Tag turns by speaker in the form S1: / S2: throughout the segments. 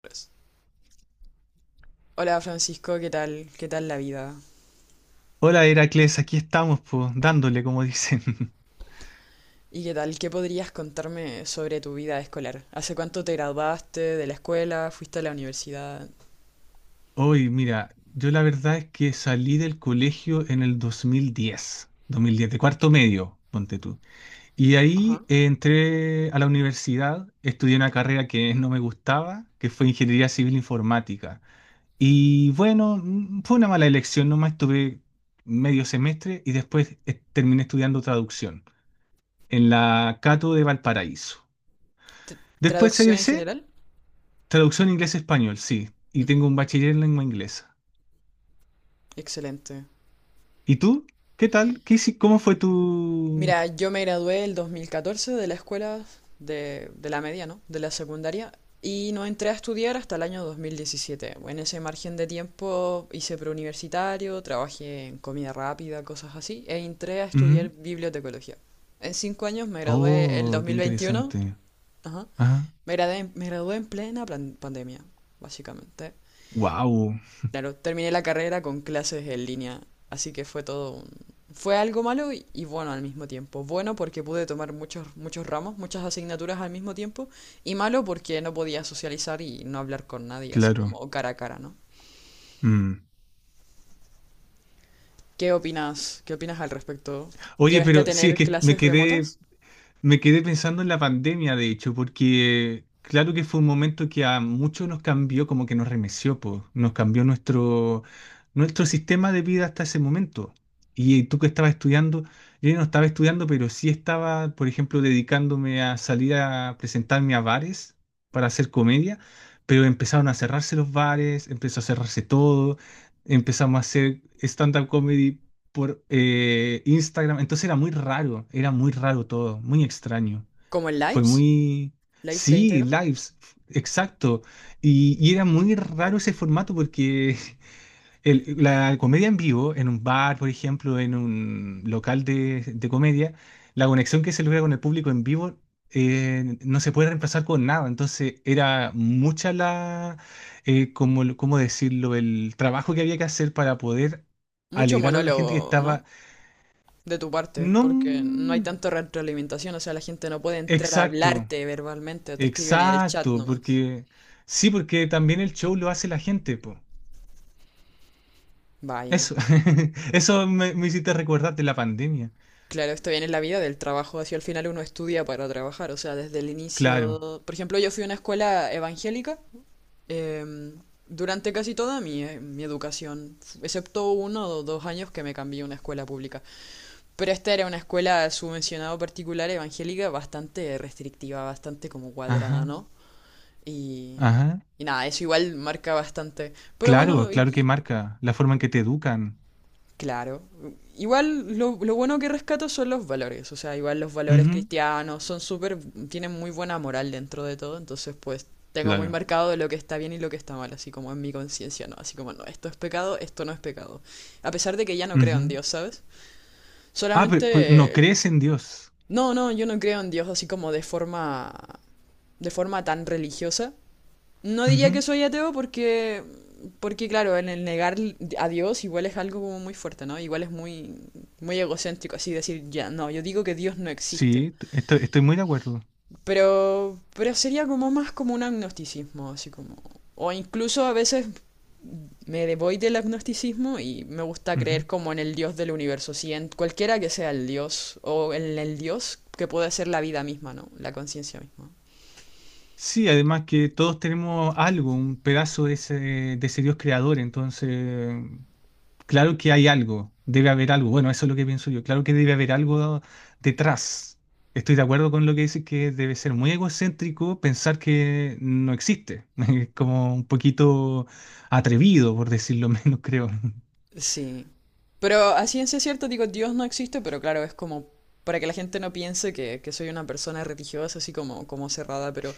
S1: Pues. Hola Francisco, ¿qué tal? ¿Qué tal la vida?
S2: Hola Heracles, aquí estamos, pues, dándole, como dicen.
S1: ¿Y qué tal? ¿Qué podrías contarme sobre tu vida escolar? ¿Hace cuánto te graduaste de la escuela? ¿Fuiste a la universidad?
S2: Hoy, mira, yo la verdad es que salí del colegio en el 2010, 2010, de cuarto medio, ponte tú. Y
S1: Ajá.
S2: ahí entré a la universidad, estudié una carrera que no me gustaba, que fue Ingeniería Civil Informática. Y bueno, fue una mala elección, nomás estuve medio semestre y después terminé estudiando traducción en la Cato de Valparaíso.
S1: T-
S2: Después
S1: ¿Traducción en
S2: egresé
S1: general?
S2: traducción inglés-español, sí. Y
S1: Ujú.
S2: tengo un bachiller en lengua inglesa.
S1: Excelente.
S2: ¿Y tú? ¿Qué tal? ¿Cómo fue tu...?
S1: Mira, yo me gradué el 2014 de la escuela de la media, ¿no? De la secundaria y no entré a estudiar hasta el año 2017. En ese margen de tiempo hice preuniversitario, trabajé en comida rápida, cosas así, e entré a estudiar
S2: Ujú.
S1: bibliotecología. En 5 años me gradué el
S2: Oh, qué
S1: 2021,
S2: interesante.
S1: ajá,
S2: Ajá.
S1: me gradué en plena pandemia, básicamente.
S2: Wow,
S1: Claro, terminé la carrera con clases en línea, así que fue todo un. Fue algo malo y bueno al mismo tiempo. Bueno porque pude tomar muchos, muchos ramos, muchas asignaturas al mismo tiempo, y malo porque no podía socializar y no hablar con nadie, así
S2: claro.
S1: como cara a cara, ¿no?
S2: Mm.
S1: ¿Qué opinas? ¿Qué opinas al respecto?
S2: Oye,
S1: ¿Llegaste a
S2: pero sí, es
S1: tener
S2: que
S1: clases remotas?
S2: me quedé pensando en la pandemia, de hecho, porque claro que fue un momento que a muchos nos cambió, como que nos remeció, po, nos cambió nuestro sistema de vida hasta ese momento. Y tú que estabas estudiando, yo no estaba estudiando, pero sí estaba, por ejemplo, dedicándome a salir a presentarme a bares para hacer comedia, pero empezaron a cerrarse los bares, empezó a cerrarse todo, empezamos a hacer stand-up comedy por Instagram. Entonces era muy raro todo, muy extraño.
S1: ¿Como en
S2: Fue
S1: lives?
S2: muy...
S1: ¿Lives de
S2: Sí,
S1: Instagram?
S2: lives, exacto. Y era muy raro ese formato porque la comedia en vivo, en un bar, por ejemplo, en un local de comedia, la conexión que se logra con el público en vivo no se puede reemplazar con nada. Entonces era mucha la, ¿cómo decirlo? El trabajo que había que hacer para poder
S1: Mucho
S2: alegrar a la gente que
S1: monólogo, ¿no?
S2: estaba
S1: De tu parte,
S2: no,
S1: porque no hay tanta retroalimentación, o sea, la gente no puede entrar a
S2: exacto,
S1: hablarte verbalmente, te escriben en el chat
S2: exacto,
S1: nomás.
S2: porque sí, porque también el show lo hace la gente, po.
S1: Vaya.
S2: Eso, eso me hiciste recordar de la pandemia.
S1: Claro, esto viene en la vida del trabajo, así al final uno estudia para trabajar, o sea, desde el
S2: Claro,
S1: inicio. Por ejemplo, yo fui a una escuela evangélica em, durante casi toda mi educación, excepto uno o dos años que me cambié a una escuela pública. Pero esta era una escuela subvencionada particular evangélica bastante restrictiva, bastante como cuadrada,
S2: ajá,
S1: ¿no? Y,
S2: ajá,
S1: y nada, eso igual marca bastante. Pero
S2: claro,
S1: bueno,
S2: claro que marca la forma en que te educan.
S1: claro. Igual lo bueno que rescato son los valores, o sea, igual los valores
S2: Ujú,
S1: cristianos son súper, tienen muy buena moral dentro de todo, entonces pues tengo muy
S2: claro,
S1: marcado de lo que está bien y lo que está mal, así como en mi conciencia, ¿no? Así como, no, esto es pecado, esto no es pecado. A pesar de que ya no creo en
S2: ujú.
S1: Dios, ¿sabes?
S2: Ah, pero, no
S1: Solamente.
S2: crees en Dios.
S1: No, no, yo no creo en Dios así como de forma tan religiosa. No diría que
S2: Ujú,
S1: soy ateo porque claro, en el negar a Dios igual es algo como muy fuerte, ¿no? Igual es muy, muy egocéntrico así decir, ya, no, yo digo que Dios no existe.
S2: sí, estoy, estoy muy de acuerdo.
S1: Pero sería como más como un agnosticismo, así como. O incluso a veces me voy del agnosticismo y me gusta
S2: Ujú.
S1: creer como en el Dios del universo, sí, en cualquiera que sea el Dios, o en el Dios que puede ser la vida misma, ¿no? La conciencia misma.
S2: Sí, además que todos tenemos algo, un pedazo de ese Dios creador, entonces, claro que hay algo, debe haber algo, bueno, eso es lo que pienso yo, claro que debe haber algo detrás. Estoy de acuerdo con lo que dices que debe ser muy egocéntrico pensar que no existe, es como un poquito atrevido, por decirlo menos, creo.
S1: Sí. Pero a ciencia cierta digo, Dios no existe, pero claro, es como para que la gente no piense que soy una persona religiosa, así como cerrada, pero,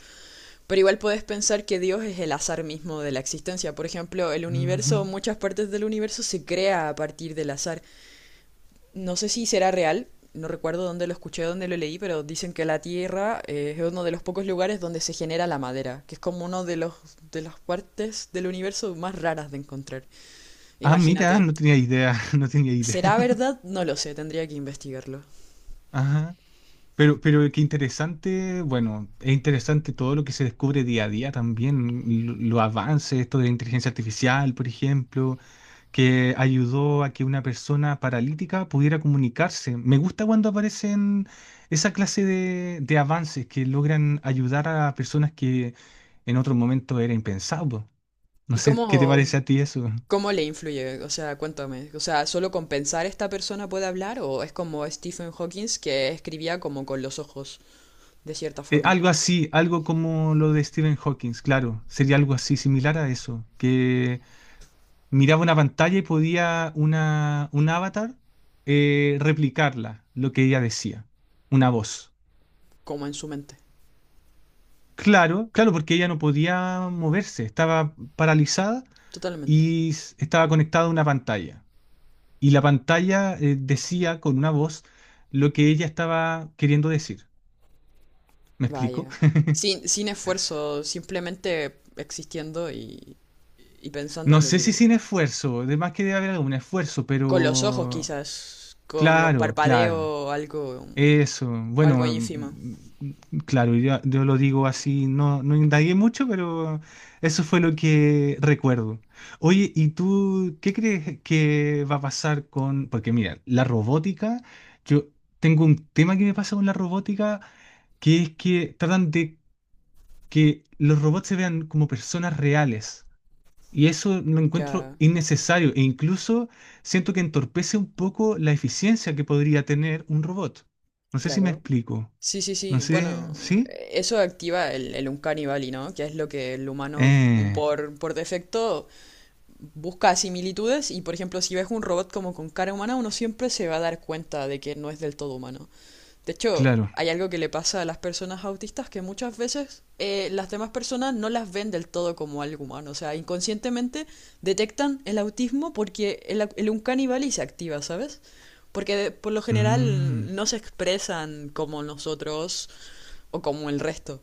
S1: pero igual puedes pensar que Dios es el azar mismo de la existencia. Por ejemplo, el
S2: Ujú.
S1: universo, muchas partes del universo se crea a partir del azar. No sé si será real, no recuerdo dónde lo escuché, dónde lo leí, pero dicen que la Tierra es uno de los pocos lugares donde se genera la madera, que es como uno de los de las partes del universo más raras de encontrar.
S2: Ah, mira,
S1: Imagínate.
S2: no tenía idea, no tenía idea.
S1: ¿Será verdad? No lo sé, tendría que investigarlo.
S2: Ajá. Pero qué interesante, bueno, es interesante todo lo que se descubre día a día también, los avances, esto de inteligencia artificial, por ejemplo, que ayudó a que una persona paralítica pudiera comunicarse. Me gusta cuando aparecen esa clase de avances que logran ayudar a personas que en otro momento era impensable. No
S1: ¿Y
S2: sé, ¿qué te
S1: cómo,
S2: parece a ti eso?
S1: cómo le influye? O sea, cuéntame. O sea, ¿solo con pensar esta persona puede hablar? ¿O es como Stephen Hawking que escribía como con los ojos, de cierta forma?
S2: Algo así, algo como lo de Stephen Hawking, claro, sería algo así, similar a eso, que miraba una pantalla y podía una, un avatar replicarla, lo que ella decía, una voz.
S1: Como en su mente.
S2: Claro, claro, porque ella no podía moverse, estaba paralizada
S1: Totalmente.
S2: y estaba conectada a una pantalla. Y la pantalla decía con una voz lo que ella estaba queriendo decir. ¿Me explico?
S1: Vaya. Sin esfuerzo, simplemente existiendo y pensando
S2: No
S1: en lo
S2: sé
S1: que
S2: si
S1: quería.
S2: sin esfuerzo, además que debe haber algún esfuerzo,
S1: Con los ojos,
S2: pero
S1: quizás. Con los
S2: claro, claro.
S1: parpadeos, algo,
S2: Eso,
S1: algo
S2: bueno,
S1: ínfimo.
S2: claro, yo lo digo así, no, no indagué mucho, pero eso fue lo que recuerdo. Oye, ¿y tú qué crees que va a pasar con...? Porque mira, la robótica, yo tengo un tema que me pasa con la robótica, que es que tratan de que los robots se vean como personas reales. Y eso lo encuentro
S1: Ya,
S2: innecesario e incluso siento que entorpece un poco la eficiencia que podría tener un robot. No sé si me
S1: claro.
S2: explico.
S1: Sí, sí,
S2: No
S1: sí.
S2: sé,
S1: Bueno,
S2: ¿sí?
S1: eso activa el Uncanny Valley, ¿no? Que es lo que el humano
S2: Eh,
S1: por defecto busca similitudes y, por ejemplo, si ves un robot como con cara humana, uno siempre se va a dar cuenta de que no es del todo humano. De hecho,
S2: claro.
S1: hay algo que le pasa a las personas autistas que muchas veces las demás personas no las ven del todo como algo humano. O sea, inconscientemente detectan el autismo porque el Uncanny Valley se activa, ¿sabes? Porque por lo
S2: Mm,
S1: general no se expresan como nosotros o como el resto.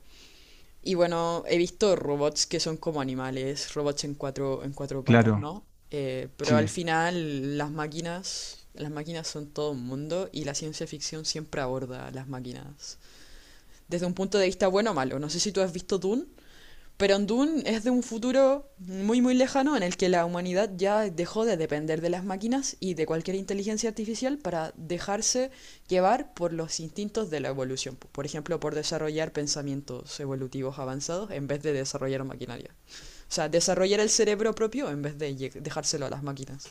S1: Y bueno, he visto robots que son como animales, robots en cuatro patas,
S2: claro,
S1: ¿no? Pero al
S2: sí.
S1: final las máquinas son todo un mundo y la ciencia ficción siempre aborda a las máquinas. Desde un punto de vista bueno o malo. No sé si tú has visto Dune. Pero en Dune es de un futuro muy muy lejano en el que la humanidad ya dejó de depender de las máquinas y de cualquier inteligencia artificial para dejarse llevar por los instintos de la evolución. Por ejemplo, por desarrollar pensamientos evolutivos avanzados en vez de desarrollar maquinaria. O sea, desarrollar el cerebro propio en vez de dejárselo a las máquinas.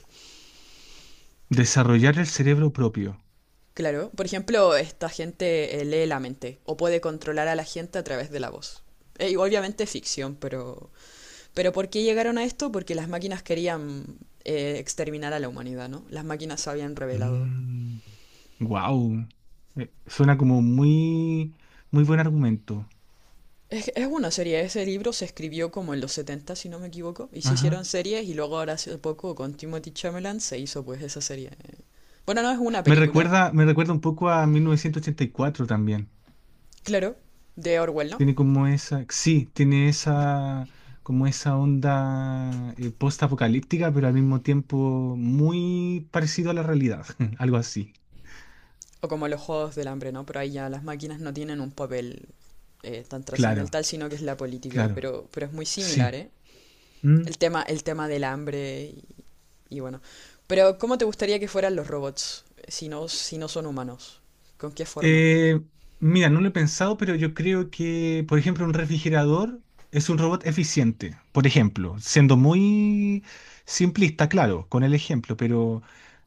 S2: Desarrollar el cerebro propio.
S1: Claro, por ejemplo, esta gente lee la mente o puede controlar a la gente a través de la voz. Y obviamente es ficción. Pero ¿por qué llegaron a esto? Porque las máquinas querían exterminar a la humanidad, ¿no? Las máquinas se habían revelado.
S2: Wow, suena como muy, muy buen argumento.
S1: Es una serie, ese libro se escribió como en los 70, si no me equivoco, y se
S2: Ajá.
S1: hicieron series y luego ahora hace poco con Timothy Chalamet se hizo pues esa serie. Bueno, no es una película,
S2: Me recuerda un poco a 1984 también.
S1: claro, de Orwell, ¿no?
S2: Tiene como esa, sí, tiene esa, como esa onda post-apocalíptica, pero al mismo tiempo muy parecido a la realidad, algo así.
S1: O como los Juegos del Hambre, ¿no? Pero ahí ya las máquinas no tienen un papel tan
S2: Claro,
S1: trascendental, sino que es la política,
S2: claro,
S1: pero es muy
S2: sí.
S1: similar, ¿eh?
S2: Mm.
S1: El tema del hambre Y bueno. Pero, ¿cómo te gustaría que fueran los robots? Si no, si no, son humanos. ¿Con qué forma?
S2: Eh, mira, no lo he pensado, pero yo creo que, por ejemplo, un refrigerador es un robot eficiente, por ejemplo, siendo muy simplista, claro, con el ejemplo, pero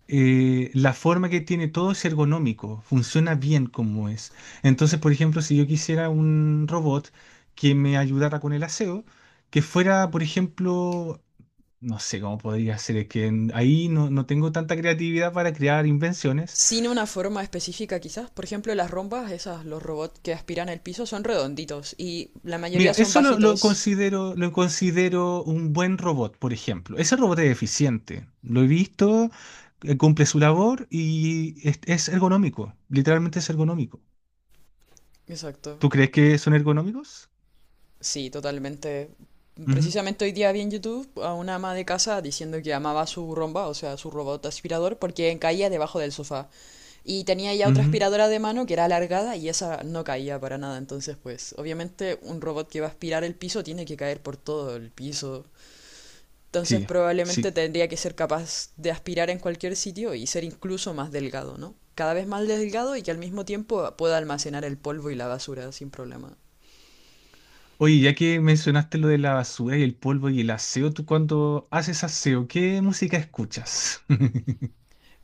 S2: la forma que tiene todo es ergonómico, funciona bien como es. Entonces, por ejemplo, si yo quisiera un robot que me ayudara con el aseo, que fuera, por ejemplo, no sé cómo podría ser, es que ahí no, no tengo tanta creatividad para crear invenciones.
S1: Sin una forma específica, quizás. Por ejemplo, las rombas, esas, los robots que aspiran el piso, son redonditos. Y la
S2: Mira,
S1: mayoría son
S2: eso
S1: bajitos.
S2: lo considero un buen robot, por ejemplo. Ese robot es eficiente. Lo he visto, cumple su labor y es ergonómico. Literalmente es ergonómico.
S1: Exacto.
S2: ¿Tú crees que son ergonómicos?
S1: Sí, totalmente.
S2: Ujú,
S1: Precisamente hoy día vi en YouTube a una ama de casa diciendo que amaba su romba, o sea, su robot aspirador, porque caía debajo del sofá. Y tenía ya otra
S2: ujú.
S1: aspiradora de mano que era alargada y esa no caía para nada. Entonces, pues, obviamente un robot que va a aspirar el piso tiene que caer por todo el piso. Entonces,
S2: Sí,
S1: probablemente
S2: sí.
S1: tendría que ser capaz de aspirar en cualquier sitio y ser incluso más delgado, ¿no? Cada vez más delgado y que al mismo tiempo pueda almacenar el polvo y la basura sin problema.
S2: Oye, ya que mencionaste lo de la basura y el polvo y el aseo, tú cuando haces aseo, ¿qué música escuchas?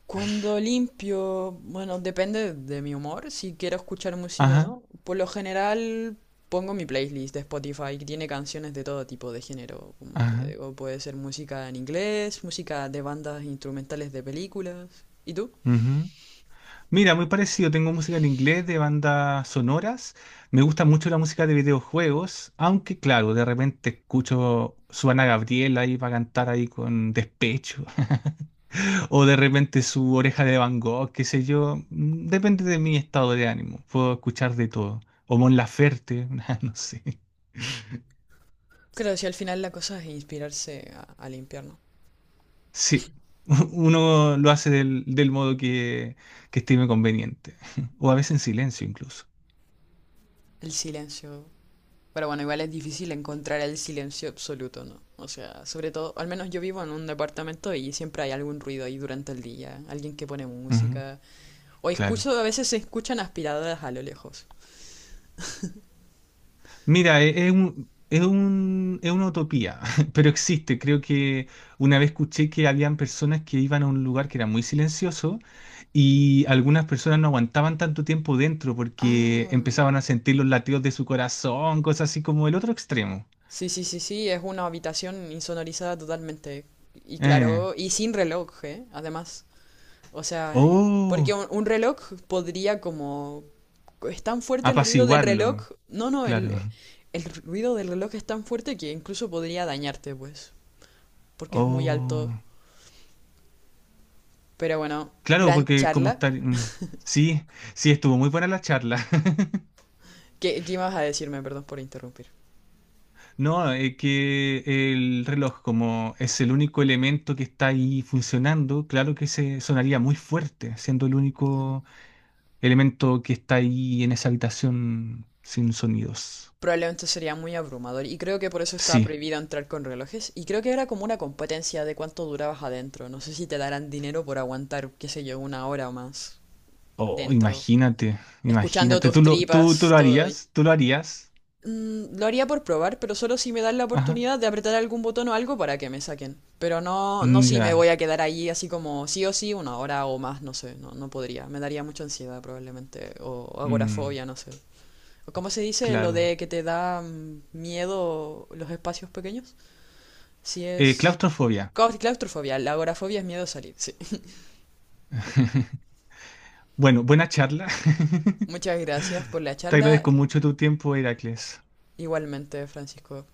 S1: Cuando limpio, bueno, depende de mi humor, si quiero escuchar música o
S2: Ajá,
S1: no. Por lo general pongo mi playlist de Spotify que tiene canciones de todo tipo de género, como te
S2: ajá.
S1: digo, puede ser música en inglés, música de bandas instrumentales de películas. ¿Y tú?
S2: Mira, muy parecido. Tengo música en inglés de bandas sonoras. Me gusta mucho la música de videojuegos, aunque claro, de repente escucho su Ana Gabriel ahí para cantar ahí con despecho, o de repente su Oreja de Van Gogh, qué sé yo. Depende de mi estado de ánimo. Puedo escuchar de todo. O Mon Laferte, no sé.
S1: Creo que si al final la cosa es inspirarse a limpiar, ¿no?
S2: Sí, uno lo hace del modo que estime conveniente, o a veces en silencio incluso.
S1: El silencio. Pero bueno, igual es difícil encontrar el silencio absoluto, ¿no? O sea, sobre todo, al menos yo vivo en un departamento y siempre hay algún ruido ahí durante el día, alguien que pone
S2: Ujú,
S1: música. O
S2: claro.
S1: escucho, a veces se escuchan aspiradoras a lo lejos.
S2: Mira, es un, es una utopía, pero existe. Creo que una vez escuché que habían personas que iban a un lugar que era muy silencioso y algunas personas no aguantaban tanto tiempo dentro porque
S1: Ah,
S2: empezaban a sentir los latidos de su corazón, cosas así como el otro extremo.
S1: sí, sí, sí, sí, es una habitación insonorizada totalmente. Y
S2: Eh,
S1: claro, y sin reloj, ¿eh? Además. O sea, porque
S2: oh,
S1: un reloj podría como. Es tan fuerte el ruido del reloj.
S2: apaciguarlo,
S1: No, no,
S2: claro.
S1: el ruido del reloj es tan fuerte que incluso podría dañarte, pues. Porque es muy alto.
S2: Oh,
S1: Pero bueno,
S2: claro,
S1: gran
S2: porque como
S1: charla.
S2: estar... sí, sí, estuvo muy buena la charla.
S1: ¿Qué ibas a decirme? Perdón por interrumpir.
S2: No, es que el reloj, como es el único elemento que está ahí funcionando, claro que se sonaría muy fuerte, siendo el único elemento que está ahí en esa habitación sin sonidos.
S1: Probablemente sería muy abrumador y creo que por eso estaba
S2: Sí.
S1: prohibido entrar con relojes y creo que era como una competencia de cuánto durabas adentro. No sé si te darán dinero por aguantar, qué sé yo, una hora o más
S2: Oh,
S1: adentro,
S2: imagínate,
S1: escuchando
S2: imagínate.
S1: tus
S2: ¿Tú
S1: tripas,
S2: lo
S1: todo.
S2: harías? ¿Tú lo harías?
S1: Lo haría por probar, pero solo si me dan la
S2: Ajá.
S1: oportunidad de apretar algún botón o algo para que me saquen. Pero no, no
S2: Mm,
S1: si me voy
S2: ya.
S1: a quedar ahí así como sí o sí una hora o más, no sé, no, no podría. Me daría mucha ansiedad probablemente o
S2: Mm,
S1: agorafobia, no sé. ¿Cómo se dice lo
S2: claro.
S1: de que te da miedo los espacios pequeños? Si es.
S2: Claustrofobia.
S1: Claustrofobia, la agorafobia es miedo a salir, sí.
S2: Bueno, buena charla.
S1: Muchas gracias por la
S2: Te
S1: charla.
S2: agradezco mucho tu tiempo, Heracles.
S1: Igualmente, Francisco.